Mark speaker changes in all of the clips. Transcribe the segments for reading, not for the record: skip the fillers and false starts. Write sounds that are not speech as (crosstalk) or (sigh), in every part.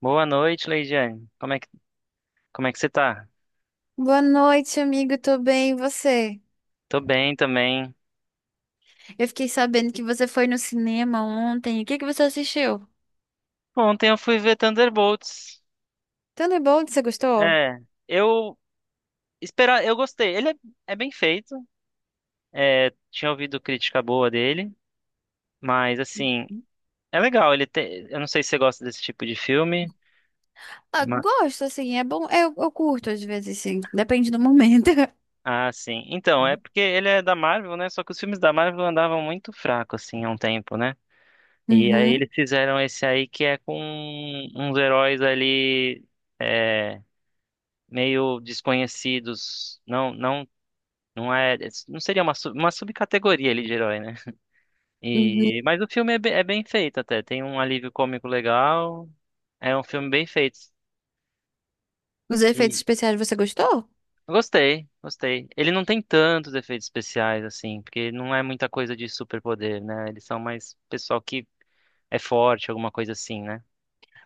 Speaker 1: Boa noite, Leidiane. Como é que você tá?
Speaker 2: Boa noite, amigo. Tô bem, e você?
Speaker 1: Tô bem também.
Speaker 2: Eu fiquei sabendo que você foi no cinema ontem. O que você assistiu?
Speaker 1: Ontem eu fui ver Thunderbolts.
Speaker 2: Thunderbolt, você gostou?
Speaker 1: É, eu eu gostei. Ele é bem feito. É, tinha ouvido crítica boa dele, mas assim, é legal. Ele tem, eu não sei se você gosta desse tipo de filme.
Speaker 2: Ah,
Speaker 1: ma-
Speaker 2: gosto, assim, é bom. Eu curto às vezes, sim. Depende do momento. (laughs)
Speaker 1: Ah, sim. Então, é porque ele é da Marvel, né? Só que os filmes da Marvel andavam muito fracos, assim, há um tempo, né? E aí
Speaker 2: Uhum,
Speaker 1: eles fizeram esse aí que é com uns heróis ali. é, Meio desconhecidos, não é, não seria uma, uma subcategoria ali de herói, né? E,
Speaker 2: uhum.
Speaker 1: mas o filme é bem feito até, tem um alívio cômico legal, é um filme bem feito.
Speaker 2: Os efeitos
Speaker 1: E
Speaker 2: especiais você gostou?
Speaker 1: Gostei, gostei. Ele não tem tantos efeitos especiais assim, porque não é muita coisa de superpoder, né? Eles são mais pessoal que é forte, alguma coisa assim, né?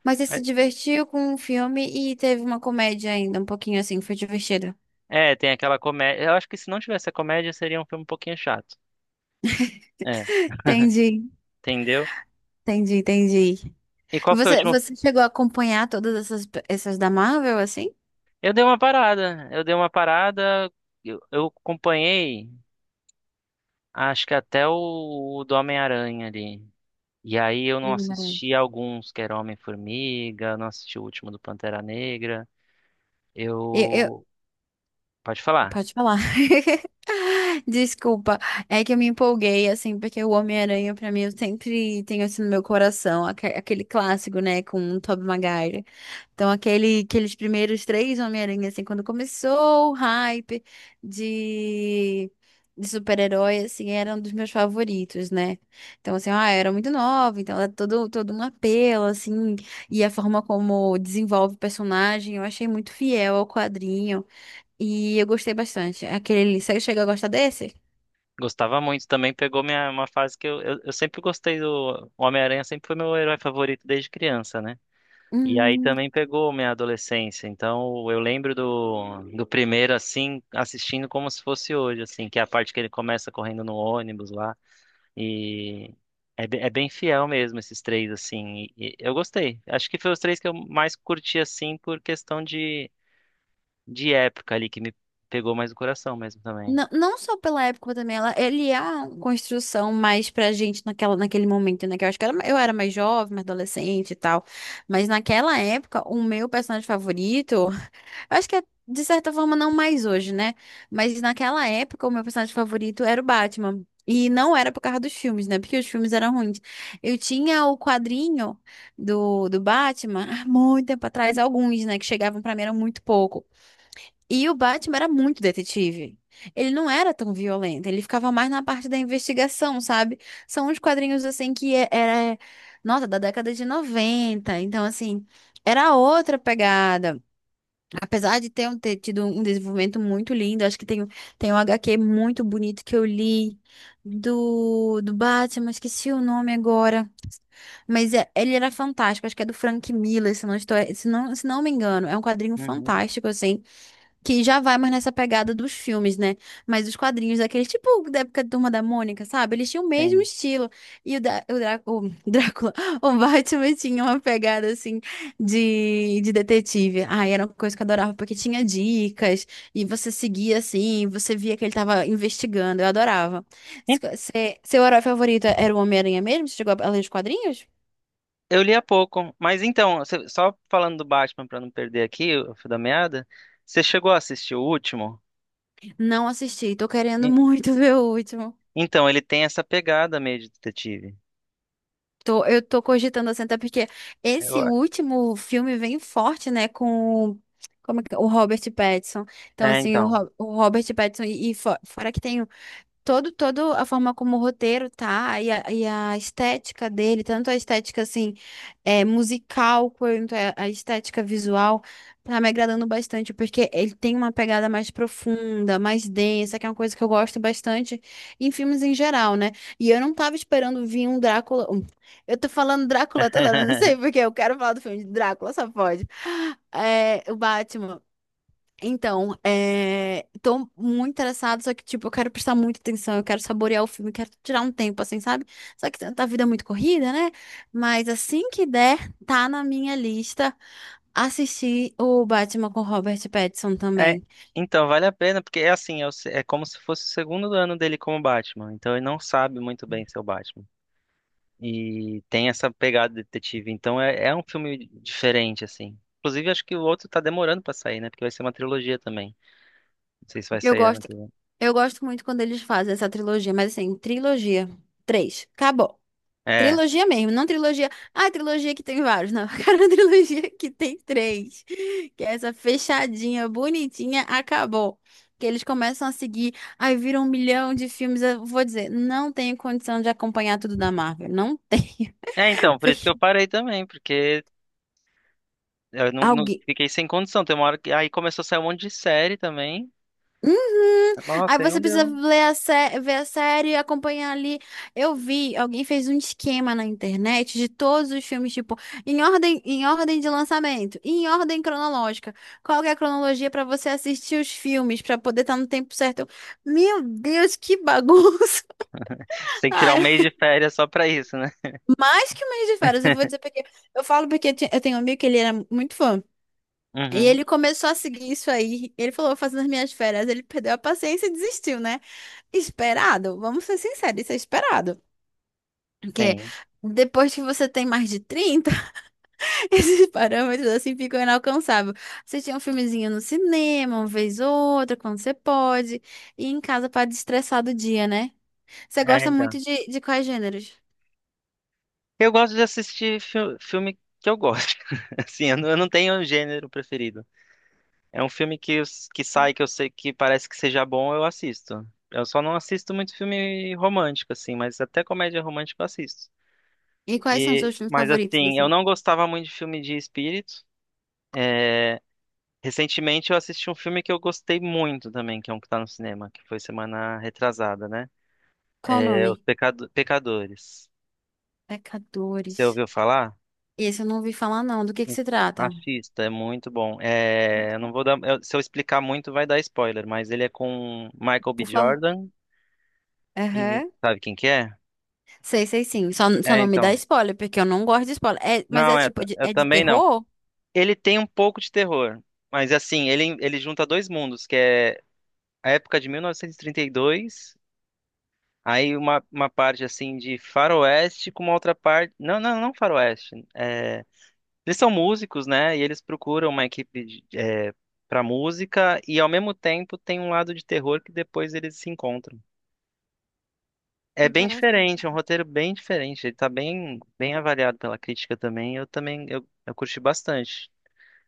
Speaker 2: Mas você se divertiu com o filme e teve uma comédia ainda, um pouquinho assim, foi divertido.
Speaker 1: É, é, tem aquela comédia. Eu acho que se não tivesse a comédia, seria um filme um pouquinho chato. É,
Speaker 2: Entendi,
Speaker 1: entendeu?
Speaker 2: entendi, entendi.
Speaker 1: E qual foi o
Speaker 2: Você,
Speaker 1: último
Speaker 2: você chegou a acompanhar todas essas da Marvel, assim?
Speaker 1: Eu dei uma parada, eu acompanhei, acho que até o do Homem-Aranha ali. E aí eu não
Speaker 2: Sim, Maria.
Speaker 1: assisti alguns, que era Homem-Formiga, não assisti o último do Pantera Negra.
Speaker 2: Eu, eu,
Speaker 1: Eu, Pode falar,
Speaker 2: Pode falar. (laughs) Desculpa, é que eu me empolguei, assim, porque o Homem-Aranha, pra mim, eu sempre tenho assim no meu coração, aquele clássico, né, com o Tobey Maguire. Então, aquele, aqueles primeiros três Homem-Aranha, assim, quando começou o hype de, de super-herói, assim, era um dos meus favoritos, né? Então, assim, ah, eu era muito nova, então era todo, todo um apelo, assim, e a forma como desenvolve o personagem, eu achei muito fiel ao quadrinho. E eu gostei bastante. Aquele, você chega a gostar desse?
Speaker 1: gostava muito também, pegou minha, uma fase que eu sempre gostei do o Homem-Aranha, sempre foi meu herói favorito desde criança, né? E aí
Speaker 2: Hum,
Speaker 1: também pegou minha adolescência. Então eu lembro do primeiro assim, assistindo como se fosse hoje, assim, que é a parte que ele começa correndo no ônibus lá. E é bem fiel mesmo esses três, assim. E eu gostei. Acho que foi os três que eu mais curti, assim, por questão de época ali, que me pegou mais o coração mesmo também.
Speaker 2: não, não só pela época, mas também ela, ele é uma construção mais pra gente naquela, naquele momento, né? Que eu acho que eu era mais jovem, mais adolescente e tal. Mas naquela época, o meu personagem favorito. Eu acho que é, de certa forma, não mais hoje, né? Mas naquela época, o meu personagem favorito era o Batman. E não era por causa dos filmes, né? Porque os filmes eram ruins. Eu tinha o quadrinho do Batman há muito tempo atrás, alguns, né? Que chegavam pra mim, era muito pouco. E o Batman era muito detetive. Ele não era tão violento, ele ficava mais na parte da investigação, sabe? São uns quadrinhos assim que era, nossa, da década de 90. Então, assim, era outra pegada. Apesar de ter, ter tido um desenvolvimento muito lindo, acho que tem, tem um HQ muito bonito que eu li do Batman, esqueci o nome agora. Mas ele era fantástico, acho que é do Frank Miller, se não estou, se não me engano. É um quadrinho
Speaker 1: Uhum,
Speaker 2: fantástico, assim. Que já vai mais nessa pegada dos filmes, né? Mas os quadrinhos daqueles, tipo da época da Turma da Mônica, sabe? Eles tinham o mesmo
Speaker 1: sim.
Speaker 2: estilo. E o Drácula, (laughs) o Batman tinha uma pegada assim de detetive. Ai, era uma coisa que eu adorava, porque tinha dicas, e você seguia assim, você via que ele tava investigando. Eu adorava.
Speaker 1: E-
Speaker 2: Seu herói favorito era o Homem-Aranha mesmo? Você chegou a ler os quadrinhos?
Speaker 1: Eu li há pouco, mas então, só falando do Batman pra não perder aqui o fio da meada, você chegou a assistir o último?
Speaker 2: Não assisti, tô querendo muito (laughs) ver o último.
Speaker 1: Então, ele tem essa pegada meio de detetive.
Speaker 2: Tô, eu tô cogitando assim, até porque esse
Speaker 1: Eu-
Speaker 2: último filme vem forte, né, com o Robert Pattinson. Então,
Speaker 1: É,
Speaker 2: assim,
Speaker 1: então.
Speaker 2: O Robert Pattinson, e fora que tem todo, todo a forma como o roteiro tá e a estética dele, tanto a estética assim é, musical quanto a estética visual, tá me agradando bastante porque ele tem uma pegada mais profunda, mais densa, que é uma coisa que eu gosto bastante em filmes em geral, né? E eu não tava esperando vir um Drácula. Eu tô falando Drácula toda hora, não sei
Speaker 1: (laughs)
Speaker 2: porque eu quero falar do filme de Drácula, só pode. É, o Batman. Então, é... tô muito interessada, só que, tipo, eu quero prestar muita atenção, eu quero saborear o filme, eu quero tirar um tempo, assim, sabe? Só que a vida é muito corrida, né? Mas assim que der, tá na minha lista assistir o Batman com Robert Pattinson
Speaker 1: É,
Speaker 2: também.
Speaker 1: então, vale a pena, porque é assim, é, o se- é como se fosse o segundo ano dele como Batman. Então, ele não sabe muito bem ser o Batman. E tem essa pegada de detetive. Então, é, é um filme diferente, assim. Inclusive, acho que o outro tá demorando pra sair, né? Porque vai ser uma trilogia também. Não sei se vai
Speaker 2: Eu
Speaker 1: sair ano
Speaker 2: gosto,
Speaker 1: que vem.
Speaker 2: eu gosto muito quando eles fazem essa trilogia, mas assim, trilogia, três, acabou.
Speaker 1: É.
Speaker 2: Trilogia mesmo, não trilogia. Ah, trilogia que tem vários. Não, (laughs) eu quero uma trilogia que tem três. Que é essa fechadinha, bonitinha, acabou. Que eles começam a seguir, aí viram um milhão de filmes. Eu vou dizer, não tenho condição de acompanhar tudo da Marvel. Não tenho.
Speaker 1: É, então,
Speaker 2: (laughs)
Speaker 1: por isso que
Speaker 2: Porque
Speaker 1: eu parei também, porque eu
Speaker 2: Alguém,
Speaker 1: fiquei sem condição. Tem uma hora que. Aí começou a sair um monte de série também.
Speaker 2: Uhum.
Speaker 1: Nossa,
Speaker 2: Aí
Speaker 1: aí não
Speaker 2: você precisa
Speaker 1: deu.
Speaker 2: ler a ver a série e acompanhar ali. Eu vi, alguém fez um esquema na internet de todos os filmes, tipo, em ordem de lançamento, e em ordem cronológica. Qual que é a cronologia para você assistir os filmes, para poder estar no tempo certo? Eu, meu Deus, que bagunça!
Speaker 1: Você
Speaker 2: (laughs)
Speaker 1: tem que tirar um
Speaker 2: Ai,
Speaker 1: mês de férias só pra isso, né?
Speaker 2: mais que um mês de férias, eu vou dizer porque eu falo porque eu tenho um amigo que ele era muito fã. E
Speaker 1: Uhum,
Speaker 2: ele começou a seguir isso aí. Ele falou, vou fazer nas minhas férias, ele perdeu a paciência e desistiu, né? Esperado, vamos ser sinceros, isso é esperado. Porque
Speaker 1: sim.
Speaker 2: depois que você tem mais de 30, (laughs) esses parâmetros assim ficam inalcançáveis. Você tinha um filmezinho no cinema, uma vez ou outra, quando você pode, e em casa para destressar do dia, né? Você
Speaker 1: É,
Speaker 2: gosta
Speaker 1: então.
Speaker 2: muito de quais gêneros?
Speaker 1: Eu gosto de assistir filme que eu gosto. (laughs) Assim, eu não tenho um gênero preferido. É um filme que, que sai, que eu sei que parece que seja bom, eu assisto. Eu só não assisto muito filme romântico, assim, mas até comédia romântica eu assisto.
Speaker 2: E quais são os
Speaker 1: E,
Speaker 2: seus filmes
Speaker 1: mas
Speaker 2: favoritos,
Speaker 1: assim, eu
Speaker 2: assim?
Speaker 1: não gostava muito de filme de espírito. É, recentemente eu assisti um filme que eu gostei muito também, que é um que tá no cinema, que foi semana retrasada, né?
Speaker 2: Qual o
Speaker 1: É
Speaker 2: nome?
Speaker 1: Os Pecadores. Você
Speaker 2: Pecadores.
Speaker 1: ouviu falar?
Speaker 2: Esse eu não ouvi falar, não. Do que se trata?
Speaker 1: Assista, é muito bom. É, eu não vou dar, eu- Se eu explicar muito, vai dar spoiler, mas ele é com Michael B.
Speaker 2: Por favor.
Speaker 1: Jordan e
Speaker 2: Aham.
Speaker 1: sabe quem que é?
Speaker 2: Sei, sei sim. Só
Speaker 1: É,
Speaker 2: não me dá
Speaker 1: então.
Speaker 2: spoiler, porque eu não gosto de spoiler. É, mas
Speaker 1: Não,
Speaker 2: é
Speaker 1: é,
Speaker 2: tipo,
Speaker 1: ta-
Speaker 2: de,
Speaker 1: Eu
Speaker 2: é de
Speaker 1: também não.
Speaker 2: terror?
Speaker 1: Ele tem um pouco de terror, mas assim, ele junta dois mundos, que é a época de 1932, aí uma parte assim de faroeste com uma outra parte. Não faroeste. Eles são músicos, né? E eles procuram uma equipe de, é, para música e ao mesmo tempo tem um lado de terror que depois eles se encontram. É bem
Speaker 2: Interessante.
Speaker 1: diferente, é um roteiro bem diferente. Ele tá bem, bem avaliado pela crítica também. Eu também eu curti bastante.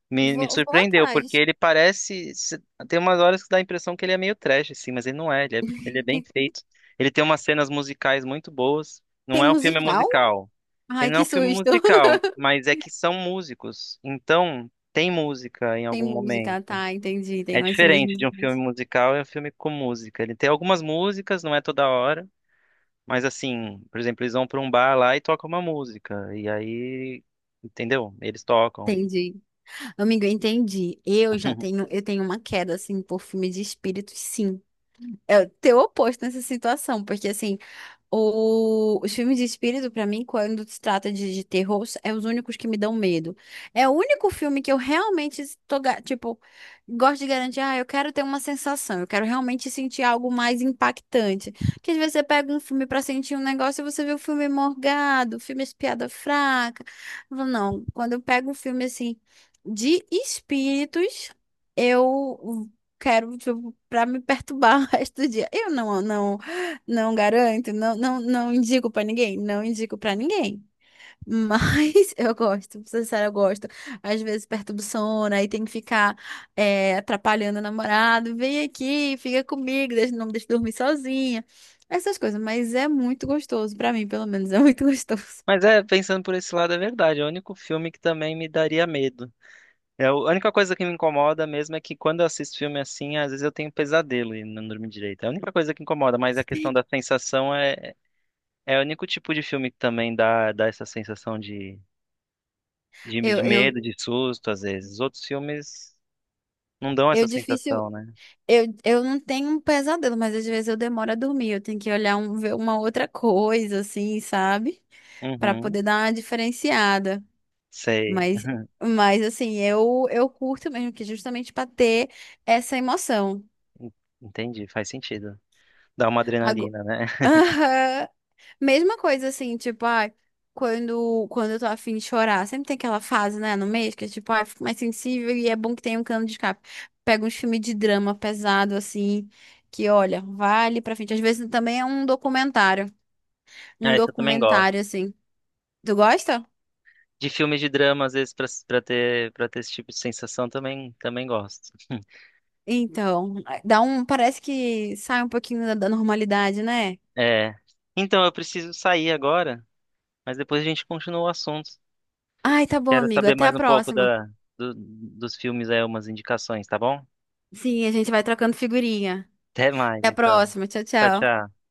Speaker 1: Me
Speaker 2: Vou, vou
Speaker 1: surpreendeu porque
Speaker 2: atrás.
Speaker 1: ele parece se- tem umas horas que dá a impressão que ele é meio trash assim, mas ele não é. Ele é bem feito. Ele tem umas cenas musicais muito boas. Não
Speaker 2: Tem
Speaker 1: é um filme
Speaker 2: musical?
Speaker 1: musical.
Speaker 2: Ai,
Speaker 1: Ele não é
Speaker 2: que
Speaker 1: um filme
Speaker 2: susto.
Speaker 1: musical,
Speaker 2: (laughs)
Speaker 1: mas é que são músicos. Então, tem música em
Speaker 2: Tem
Speaker 1: algum
Speaker 2: música,
Speaker 1: momento.
Speaker 2: tá, entendi.
Speaker 1: É
Speaker 2: Tem umas cenas
Speaker 1: diferente de um filme
Speaker 2: musicais.
Speaker 1: musical e um filme com música. Ele tem algumas músicas, não é toda hora, mas assim, por exemplo, eles vão para um bar lá e tocam uma música. E aí, entendeu? Eles tocam.
Speaker 2: Entendi. Amigo, eu entendi. Eu já tenho,
Speaker 1: (laughs)
Speaker 2: eu tenho uma queda, assim, por filme de espíritos, sim. É o teu oposto nessa situação, porque assim. Os filmes de espírito, pra mim, quando se trata de terror, é os únicos que me dão medo. É o único filme que eu realmente estou, tipo, gosto de garantir, ah, eu quero ter uma sensação, eu quero realmente sentir algo mais impactante. Porque às vezes você pega um filme pra sentir um negócio e você vê o filme morgado, o filme de piada fraca. Eu falo, não, quando eu pego um filme assim de espíritos, eu quero, tipo, pra me perturbar (laughs) o resto do dia. Eu não, não. Não garanto, não, não, não indico pra ninguém, não indico pra ninguém. Mas (laughs) eu gosto, pra ser sincero, eu gosto. Às vezes perturba o sono, aí tem que ficar é, atrapalhando o namorado. Vem aqui, fica comigo, não me deixa dormir sozinha. Essas coisas, mas é muito gostoso, pra mim, pelo menos, é muito (laughs) gostoso.
Speaker 1: Mas é, pensando por esse lado, é verdade. É o único filme que também me daria medo. É, a única coisa que me incomoda mesmo é que quando eu assisto filme assim, às vezes eu tenho pesadelo e não durmo direito. É a única coisa que incomoda, mas a questão da sensação é, é o único tipo de filme que também dá, dá essa sensação de, de,
Speaker 2: Eu,
Speaker 1: de
Speaker 2: eu,
Speaker 1: medo, de susto, às vezes. Os outros filmes não dão essa
Speaker 2: eu difícil.
Speaker 1: sensação, né?
Speaker 2: Eu não tenho um pesadelo, mas às vezes eu demoro a dormir. Eu tenho que olhar um, ver uma outra coisa, assim, sabe? Pra
Speaker 1: Uhum,
Speaker 2: poder dar uma diferenciada.
Speaker 1: sei.
Speaker 2: Mas, mas assim, eu curto mesmo que justamente pra ter essa emoção.
Speaker 1: En- Entendi, faz sentido. Dá uma
Speaker 2: Ago-
Speaker 1: adrenalina, né?
Speaker 2: (laughs)
Speaker 1: (laughs)
Speaker 2: Aham. Mesma coisa assim, tipo, ai, quando, quando eu tô afim de chorar, sempre tem aquela fase, né, no mês que é tipo, ai, fico mais sensível e é bom que tenha um cano de escape. Pega uns filmes de drama pesado, assim, que olha, vale pra frente. Às vezes também é um documentário. Um
Speaker 1: Ah, isso eu também gosto.
Speaker 2: documentário, assim. Tu gosta?
Speaker 1: De filmes de drama, às vezes, pra ter esse tipo de sensação, também, também gosto. (laughs)
Speaker 2: Então, dá um, parece que sai um pouquinho da da normalidade, né?
Speaker 1: É. Então, eu preciso sair agora, mas depois a gente continua o assunto.
Speaker 2: Ai, tá bom,
Speaker 1: Quero
Speaker 2: amigo.
Speaker 1: saber
Speaker 2: Até a
Speaker 1: mais um pouco
Speaker 2: próxima.
Speaker 1: da, dos filmes aí, umas indicações, tá bom?
Speaker 2: Sim, a gente vai trocando figurinha.
Speaker 1: Até mais,
Speaker 2: Até a
Speaker 1: então.
Speaker 2: próxima. Tchau,
Speaker 1: Tchau,
Speaker 2: tchau.
Speaker 1: tchau.